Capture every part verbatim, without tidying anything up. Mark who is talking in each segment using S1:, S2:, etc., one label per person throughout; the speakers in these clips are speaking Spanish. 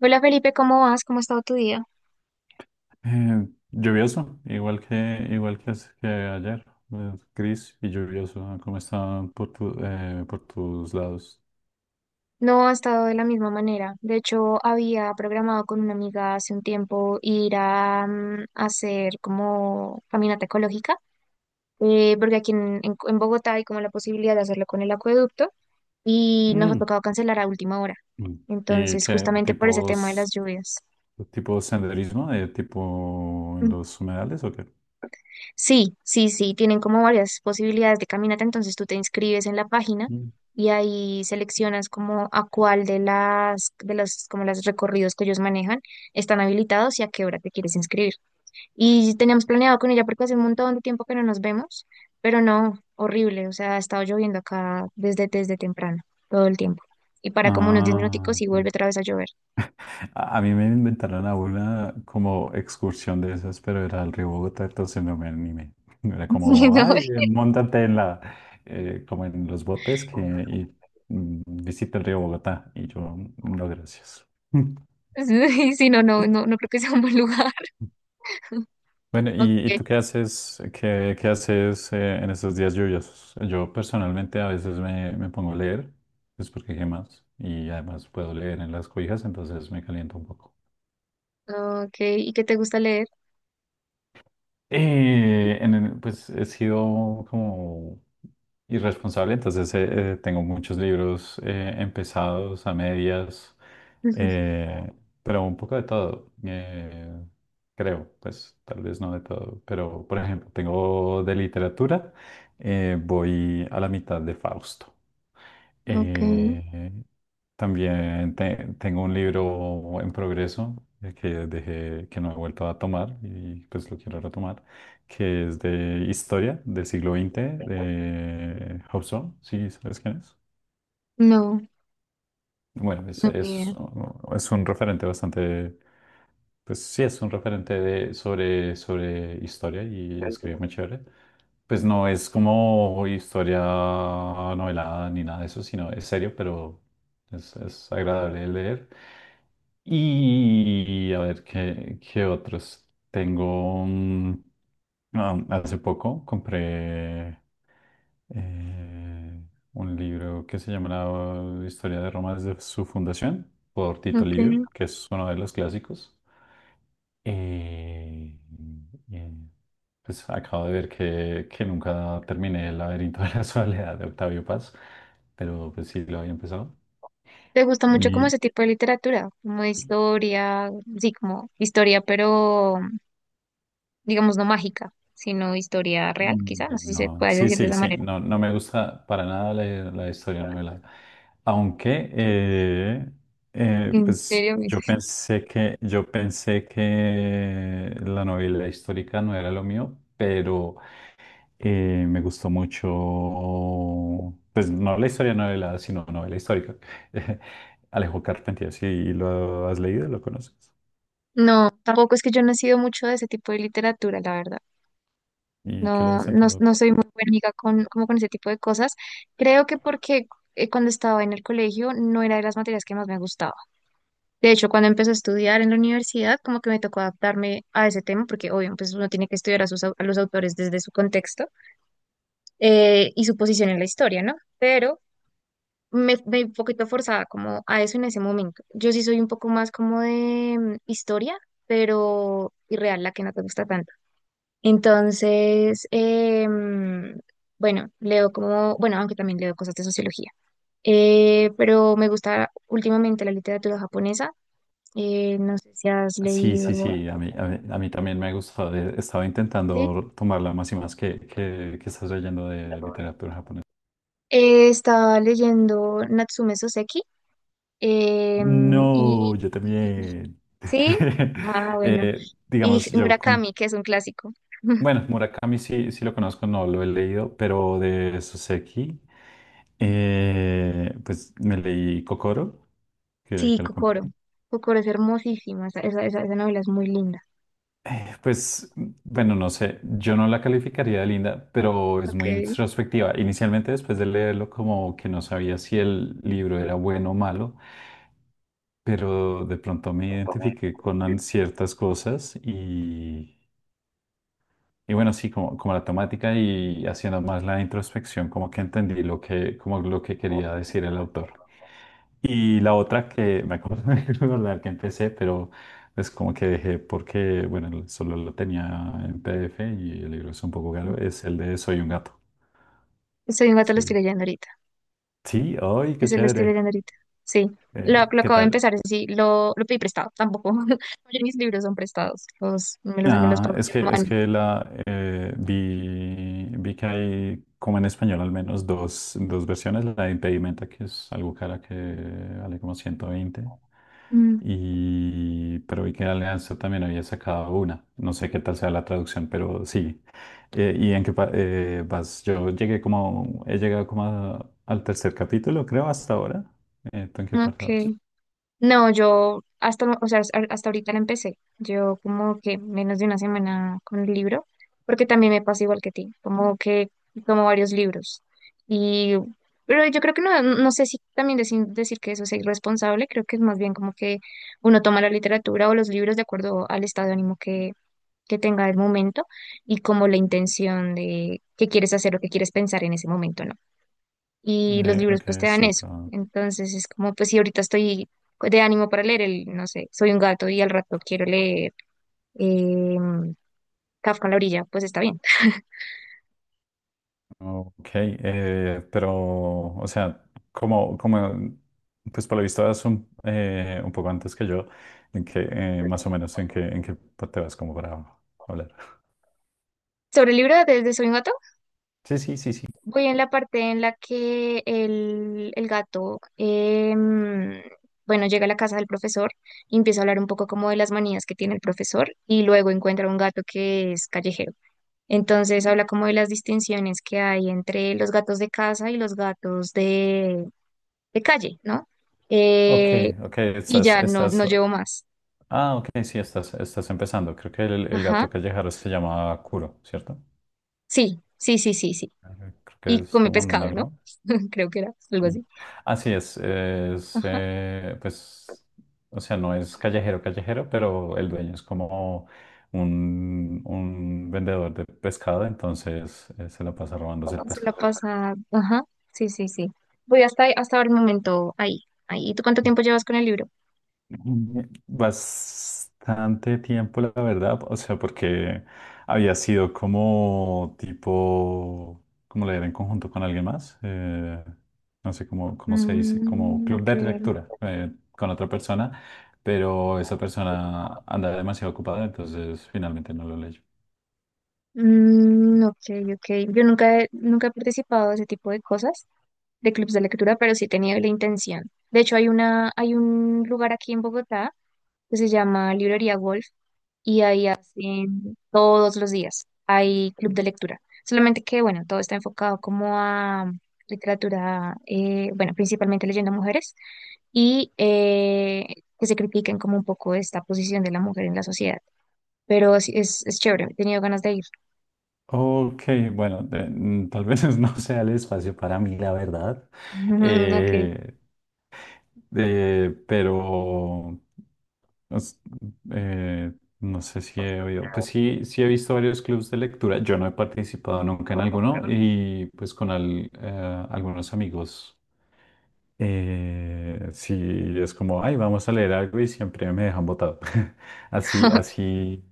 S1: Hola Felipe, ¿cómo vas? ¿Cómo ha estado tu día?
S2: Eh, lluvioso, igual que igual que, as- que ayer, eh, gris y lluvioso. Ah, ¿cómo están por tu, eh, por tus lados?
S1: No ha estado de la misma manera. De hecho, había programado con una amiga hace un tiempo ir a, mm, hacer como caminata ecológica, eh, porque aquí en, en- en Bogotá hay como la posibilidad de hacerlo con el acueducto y nos ha
S2: Mm.
S1: tocado cancelar a última hora.
S2: Mm. ¿Y
S1: Entonces,
S2: qué
S1: justamente por ese tema de las
S2: tipos
S1: lluvias.
S2: tipo senderismo, de tipo en los humedales o qué?
S1: Sí, sí, sí, tienen como varias posibilidades de caminata, entonces tú te inscribes en la página
S2: Mm.
S1: y ahí seleccionas como a cuál de las, de los, como los recorridos que ellos manejan están habilitados y a qué hora te quieres inscribir. Y teníamos planeado con ella porque hace un montón de tiempo que no nos vemos, pero no, horrible, o sea, ha estado lloviendo acá desde, desde temprano, todo el tiempo. Y para como unos diez
S2: Ah,
S1: minuticos y vuelve
S2: ok.
S1: otra vez a llover.
S2: A a mí me inventaron a una como excursión de esas, pero era al río Bogotá, entonces no me animé. Era
S1: Sí,
S2: como,
S1: no,
S2: ay, eh, móntate en la, eh, como en los botes, que, y mm, visita el río Bogotá. Y yo, "Mm, no, gracias."
S1: sí, no, no, no, no creo que sea un buen lugar.
S2: Bueno,
S1: Ok,
S2: ¿y, y tú qué haces, qué, qué haces eh, en estos días lluviosos? Yo personalmente a veces me, me pongo a leer, es porque qué más, y además puedo leer en las cobijas, entonces me caliento un poco.
S1: ok, ¿y qué te gusta leer?
S2: Eh, en el- pues he sido como irresponsable. Entonces eh, eh, tengo muchos libros eh, empezados a medias,
S1: Ujú.
S2: eh, pero un poco de todo, eh, creo. Pues tal vez no de todo, pero por ejemplo, tengo de literatura. Eh, voy a la mitad de Fausto.
S1: Ok,
S2: Eh, también te- tengo un libro en progreso, eh, que dejé, que no he vuelto a tomar, y pues lo quiero retomar, que es de historia del siglo veinte de Hobsbawm. ¿Sí sabes quién es?
S1: no,
S2: Bueno, es,
S1: no ni
S2: es,
S1: idea.
S2: es un referente bastante... Pues sí, es un referente de, sobre, sobre historia, y escribe muy chévere. Pues no es como historia novelada ni nada de eso, sino es serio, pero es, es agradable de leer. Y a ver qué, qué otros. Tengo, mm, ah, hace poco compré eh, un libro que se llama La historia de Roma desde su fundación, por Tito
S1: Okay.
S2: Livio, que es uno de los clásicos. Eh, eh, pues acabo de ver que, que nunca terminé El laberinto de la soledad de Octavio Paz, pero pues sí lo había empezado.
S1: ¿Te gusta mucho como
S2: Y,
S1: ese tipo de literatura? Como de historia, sí, como historia, pero digamos no mágica, sino historia real,
S2: mm,
S1: quizá, no sé si se
S2: no,
S1: puede
S2: sí,
S1: decir de
S2: sí,
S1: esa
S2: sí,
S1: manera.
S2: no, no me gusta para nada la, la historia novelada. Aunque, eh, eh,
S1: ¿En
S2: pues
S1: serio? ¿Miss?
S2: yo pensé que, yo pensé que la novela histórica no era lo mío, pero... Eh, me gustó mucho, pues no la historia de novela, sino novela histórica. Alejo Carpentier, sí lo has leído, lo conoces.
S1: No, tampoco es que yo no he sido mucho de ese tipo de literatura, la verdad.
S2: ¿Y qué
S1: No,
S2: lees
S1: no,
S2: entonces?
S1: no soy muy buena amiga con, como con ese tipo de cosas. Creo que porque eh, cuando estaba en el colegio no era de las materias que más me gustaba. De hecho, cuando empecé a estudiar en la universidad, como que me tocó adaptarme a ese tema, porque obvio, pues uno tiene que estudiar a, sus, au- a los autores desde su contexto eh, y su posición en la historia, ¿no? Pero me, me un poquito forzada como a eso en ese momento. Yo sí soy un poco más como de mm, historia, pero irreal, la que no te gusta tanto. Entonces, eh, mm, bueno, leo como, bueno, aunque también leo cosas de sociología, eh, pero me gusta últimamente la literatura japonesa. Eh, no sé si has
S2: Sí, sí,
S1: leído.
S2: sí, a mí, a mí, a mí también me ha gustado. eh, Estaba
S1: ¿Sí?
S2: intentando tomarla más y más, que, que, que estás leyendo de literatura japonesa.
S1: Eh, estaba leyendo Natsume Soseki. Em, y
S2: No, yo también.
S1: sí, ah, bueno.
S2: Eh,
S1: Y
S2: digamos, yo com-
S1: Murakami, que es un clásico.
S2: Bueno, Murakami sí, sí lo conozco, no lo he leído, pero de Soseki, eh, pues me leí Kokoro, que,
S1: Sí,
S2: que lo compré.
S1: Kokoro. Kokoro es hermosísima. Esa, esa, esa- esa novela es muy linda.
S2: Eh, Pues, bueno, no sé, yo no la calificaría de linda, pero es
S1: Ok.
S2: muy introspectiva. Inicialmente, después de leerlo, como que no sabía si el libro era bueno o malo, pero de pronto me identifiqué con an- ciertas cosas. Y bueno, sí, como, como la temática, y haciendo más la introspección, como que entendí lo que, como lo que quería decir el autor. Y la otra que me acuerdo de recordar que empecé, pero es como que dejé porque, bueno, solo lo tenía en P D F y el libro es un poco caro, es el de Soy un gato.
S1: Soy un gato, lo estoy
S2: Sí.
S1: leyendo ahorita.
S2: Sí, ¡ay, qué
S1: Ese lo estoy
S2: chévere!
S1: leyendo ahorita. Sí. Lo,
S2: Eh,
S1: lo
S2: ¿qué
S1: acabo de
S2: tal?
S1: empezar, eso sí. Lo, lo pedí prestado, tampoco. Oye, mis libros son prestados. Los, me los, me los
S2: Ah,
S1: pagó
S2: es
S1: mi
S2: que, es
S1: hermano.
S2: que la, eh, vi, vi que hay, como en español al menos, dos, dos versiones. La de Impedimenta, que es algo cara, que vale como ciento veinte.
S1: Mm,
S2: Y pero vi que Alianza también había sacado una. No sé qué tal sea la traducción, pero sí. Eh, ¿y en qué pa- eh, vas? Yo llegué como, he llegado como a- al tercer capítulo, creo, hasta ahora. Eh, ¿tú en qué parte vas?
S1: ok. No, yo hasta, o sea, hasta hasta ahorita la empecé. Yo como que menos de una semana con el libro, porque también me pasa igual que ti, como que tomo varios libros. Y, pero yo creo que no, no sé si también decir, decir que eso es irresponsable, creo que es más bien como que uno toma la literatura o los libros de acuerdo al estado de ánimo que, que tenga el momento y como la intención de qué quieres hacer o qué quieres pensar en ese momento, ¿no? Y los
S2: Eh,
S1: libros
S2: ok,
S1: pues te
S2: es
S1: dan eso.
S2: otro.
S1: Entonces es como, pues si ahorita estoy de ánimo para leer el, no sé, soy un gato y al rato quiero leer em, Kafka en la orilla, pues está bien.
S2: Ok, eh, pero, o sea, como, como, pues por lo visto vas un, eh, un poco antes que yo, en que, eh, más o menos, en que, en que te vas como para hablar.
S1: Sobre el libro desde Soy un gato,
S2: Sí, sí, sí, sí.
S1: voy en la parte en la que el, el gato, em, bueno, llega a la casa del profesor y empieza a hablar un poco como de las manías que tiene el profesor y luego encuentra un gato que es callejero. Entonces habla como de las distinciones que hay entre los gatos de casa y los gatos de calle, ¿no?
S2: Ok,
S1: Eh,
S2: ok,
S1: y
S2: estás,
S1: ya no,
S2: estás,
S1: no llevo más.
S2: ah, ok, sí, estás, estás empezando. Creo que el, el
S1: Ajá.
S2: gato callejero se llama Kuro, ¿cierto?
S1: Sí, sí, sí, sí, sí.
S2: Eh, Creo que
S1: Y
S2: es
S1: comí
S2: como
S1: pescado, ¿no?
S2: negro.
S1: Creo que era algo así.
S2: Así es, es
S1: Ajá.
S2: eh, pues, o sea, no es callejero, callejero, pero el dueño es como un, un vendedor de pescado. Entonces eh, se la pasa robándose el
S1: Se la
S2: pescado.
S1: pasa. Ajá. Sí, sí, sí. Voy hasta, hasta el momento ahí. Ahí. ¿Y tú cuánto tiempo llevas con el libro?
S2: Mm, Bastante tiempo, la verdad, o sea, porque había sido como tipo, como leer en conjunto con alguien más, eh, no sé cómo, cómo se dice, como
S1: Mm,
S2: club de
S1: ok.
S2: lectura eh, con otra persona, pero esa persona andaba demasiado ocupada, entonces finalmente no lo leyó.
S1: Mm, ok, ok. Yo nunca he, nunca he participado de ese tipo de cosas, de clubs de lectura, pero sí he tenido la intención. De hecho, hay una, hay un lugar aquí en Bogotá que se llama Librería Wolf y ahí hacen todos los días, hay club de lectura. Solamente que, bueno, todo está enfocado como a literatura, eh, bueno, principalmente leyendo mujeres y eh, que se critiquen como un poco esta posición de la mujer en la sociedad. Pero sí, es, es chévere, he tenido ganas de ir.
S2: Ok, bueno, de- mm, tal vez no sea el espacio para mí, la verdad.
S1: Ok.
S2: eh, eh, pero... Os- eh, no sé si he oído. Pues sí, sí he visto varios clubs de lectura, yo no he participado nunca en alguno, y pues con al- eh, algunos amigos, eh, sí. Es como, ay, vamos a leer algo y siempre me dejan botado. Así, así,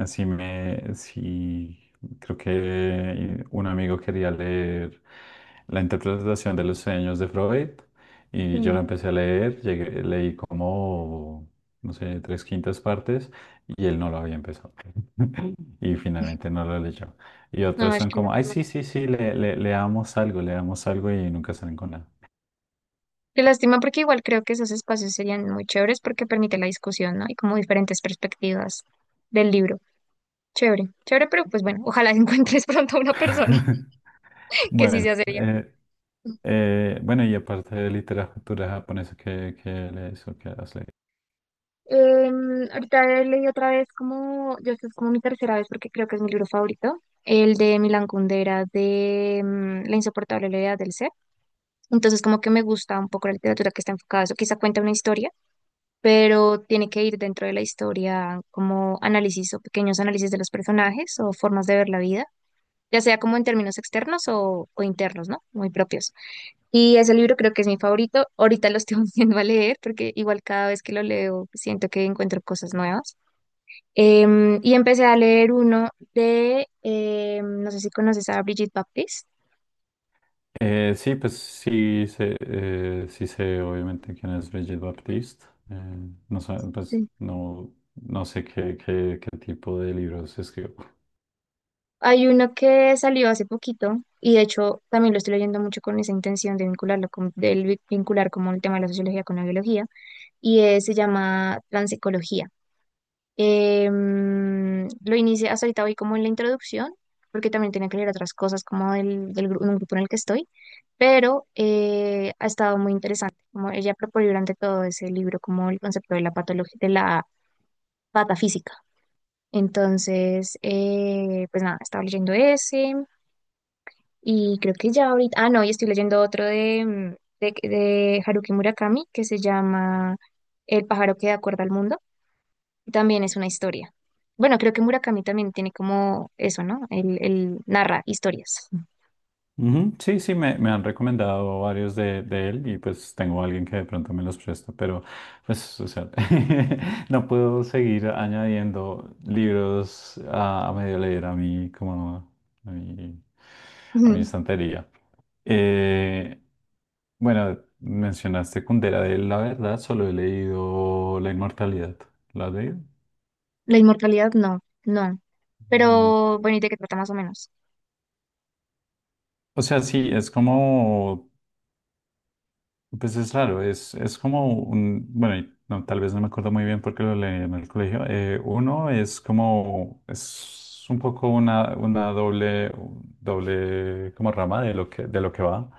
S2: así, me, sí, creo que un amigo quería leer la interpretación de los sueños de Freud, y yo
S1: Sí.
S2: la empecé a leer, llegué- leí como, no sé, tres quintas partes, y él no lo había empezado y finalmente no lo leyó. Y
S1: No,
S2: otros
S1: es
S2: son
S1: que
S2: como, ay,
S1: lástima.
S2: sí, sí, sí, le, le- leamos algo, leamos algo y nunca salen con nada.
S1: Qué lástima porque igual creo que esos espacios serían muy chéveres porque permite la discusión, ¿no? Y como diferentes perspectivas del libro. Chévere, chévere, pero pues bueno, ojalá encuentres pronto a una persona que sí
S2: Bueno,
S1: sea seria.
S2: eh, eh, bueno, y aparte de literatura japonesa, ¿qué, qué lees o qué has leído?
S1: Em, ahorita leí otra vez como, yo esto es como mi tercera vez porque creo que es mi libro favorito, el de Milan Kundera de mm, La insoportable levedad del ser. Entonces como que me gusta un poco la literatura que está enfocada a eso, quizá cuenta una historia, pero tiene que ir dentro de la historia como análisis o pequeños análisis de los personajes o formas de ver la vida, ya sea como en términos externos o, o internos, ¿no? Muy propios. Y ese libro creo que es mi favorito. Ahorita lo estoy volviendo a leer porque igual cada vez que lo leo siento que encuentro cosas nuevas. Em, y empecé a leer uno de, em, no sé si conoces a Brigitte Baptiste.
S2: Eh, sí, pues sí sé, eh, sí sé obviamente quién es Brigitte Baptiste. Eh, no sé, pues
S1: Sí.
S2: no, no sé qué, qué, qué tipo de libros escribió.
S1: Hay uno que salió hace poquito y de hecho también lo estoy leyendo mucho con esa intención de vincularlo con, del vincular como el tema de la sociología con la biología y eh, se llama Transecología. Em, lo inicié, hasta ahorita voy como en la introducción, porque también tenía que leer otras cosas como del, del gru- un grupo en el que estoy, pero eh, ha estado muy interesante. Como ella propone durante todo ese libro como el concepto de la patología, de la patafísica. Entonces, eh, pues nada, estaba leyendo ese y creo que ya ahorita, ah, no, y estoy leyendo otro de, mm, de, de Haruki Murakami que se llama El pájaro que da cuerda al mundo. También es una historia. Bueno, creo que Murakami también tiene como eso, ¿no? Él, él narra historias.
S2: Ujú. Sí, sí, me, me han recomendado varios de, de él, y pues tengo alguien que de pronto me los presta, pero pues, o sea, no puedo seguir añadiendo libros a, a medio leer a mí como a mi, a mi
S1: Ujú.
S2: estantería. Eh, bueno, mencionaste Kundera. De él, la verdad, solo he leído La Inmortalidad. ¿La de?
S1: La inmortalidad, no, no. Pero bueno, ¿y de qué trata más o menos?
S2: O sea, sí, es como... Pues es raro. Es, es como un, bueno, y no, tal vez no me acuerdo muy bien porque lo leí en el colegio. Eh, uno es como, es un poco una, una doble, doble como rama de lo que, de lo que va.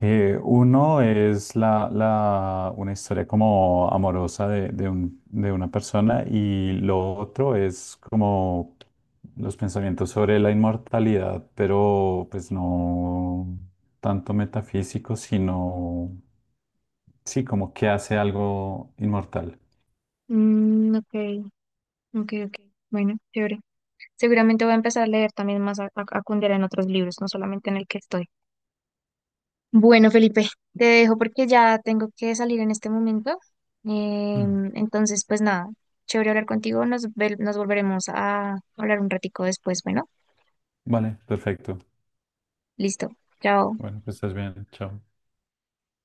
S2: Eh, uno es la, la- una historia como amorosa de, de un- de una persona, y lo otro es como los pensamientos sobre la inmortalidad, pero pues no tanto metafísico, sino sí, como que hace algo inmortal.
S1: Mm, ok, ok, ok. Bueno, chévere. Seguramente voy a empezar a leer también más a, a, a Kundera en otros libros, no solamente en el que estoy. Bueno, Felipe, te dejo porque ya tengo que salir en este momento.
S2: Mm.
S1: Em, entonces, pues nada, chévere hablar contigo. Nos, ve- nos volveremos a hablar un ratico después. Bueno,
S2: Vale, perfecto.
S1: listo. Chao.
S2: Bueno, pues estás bien, chao.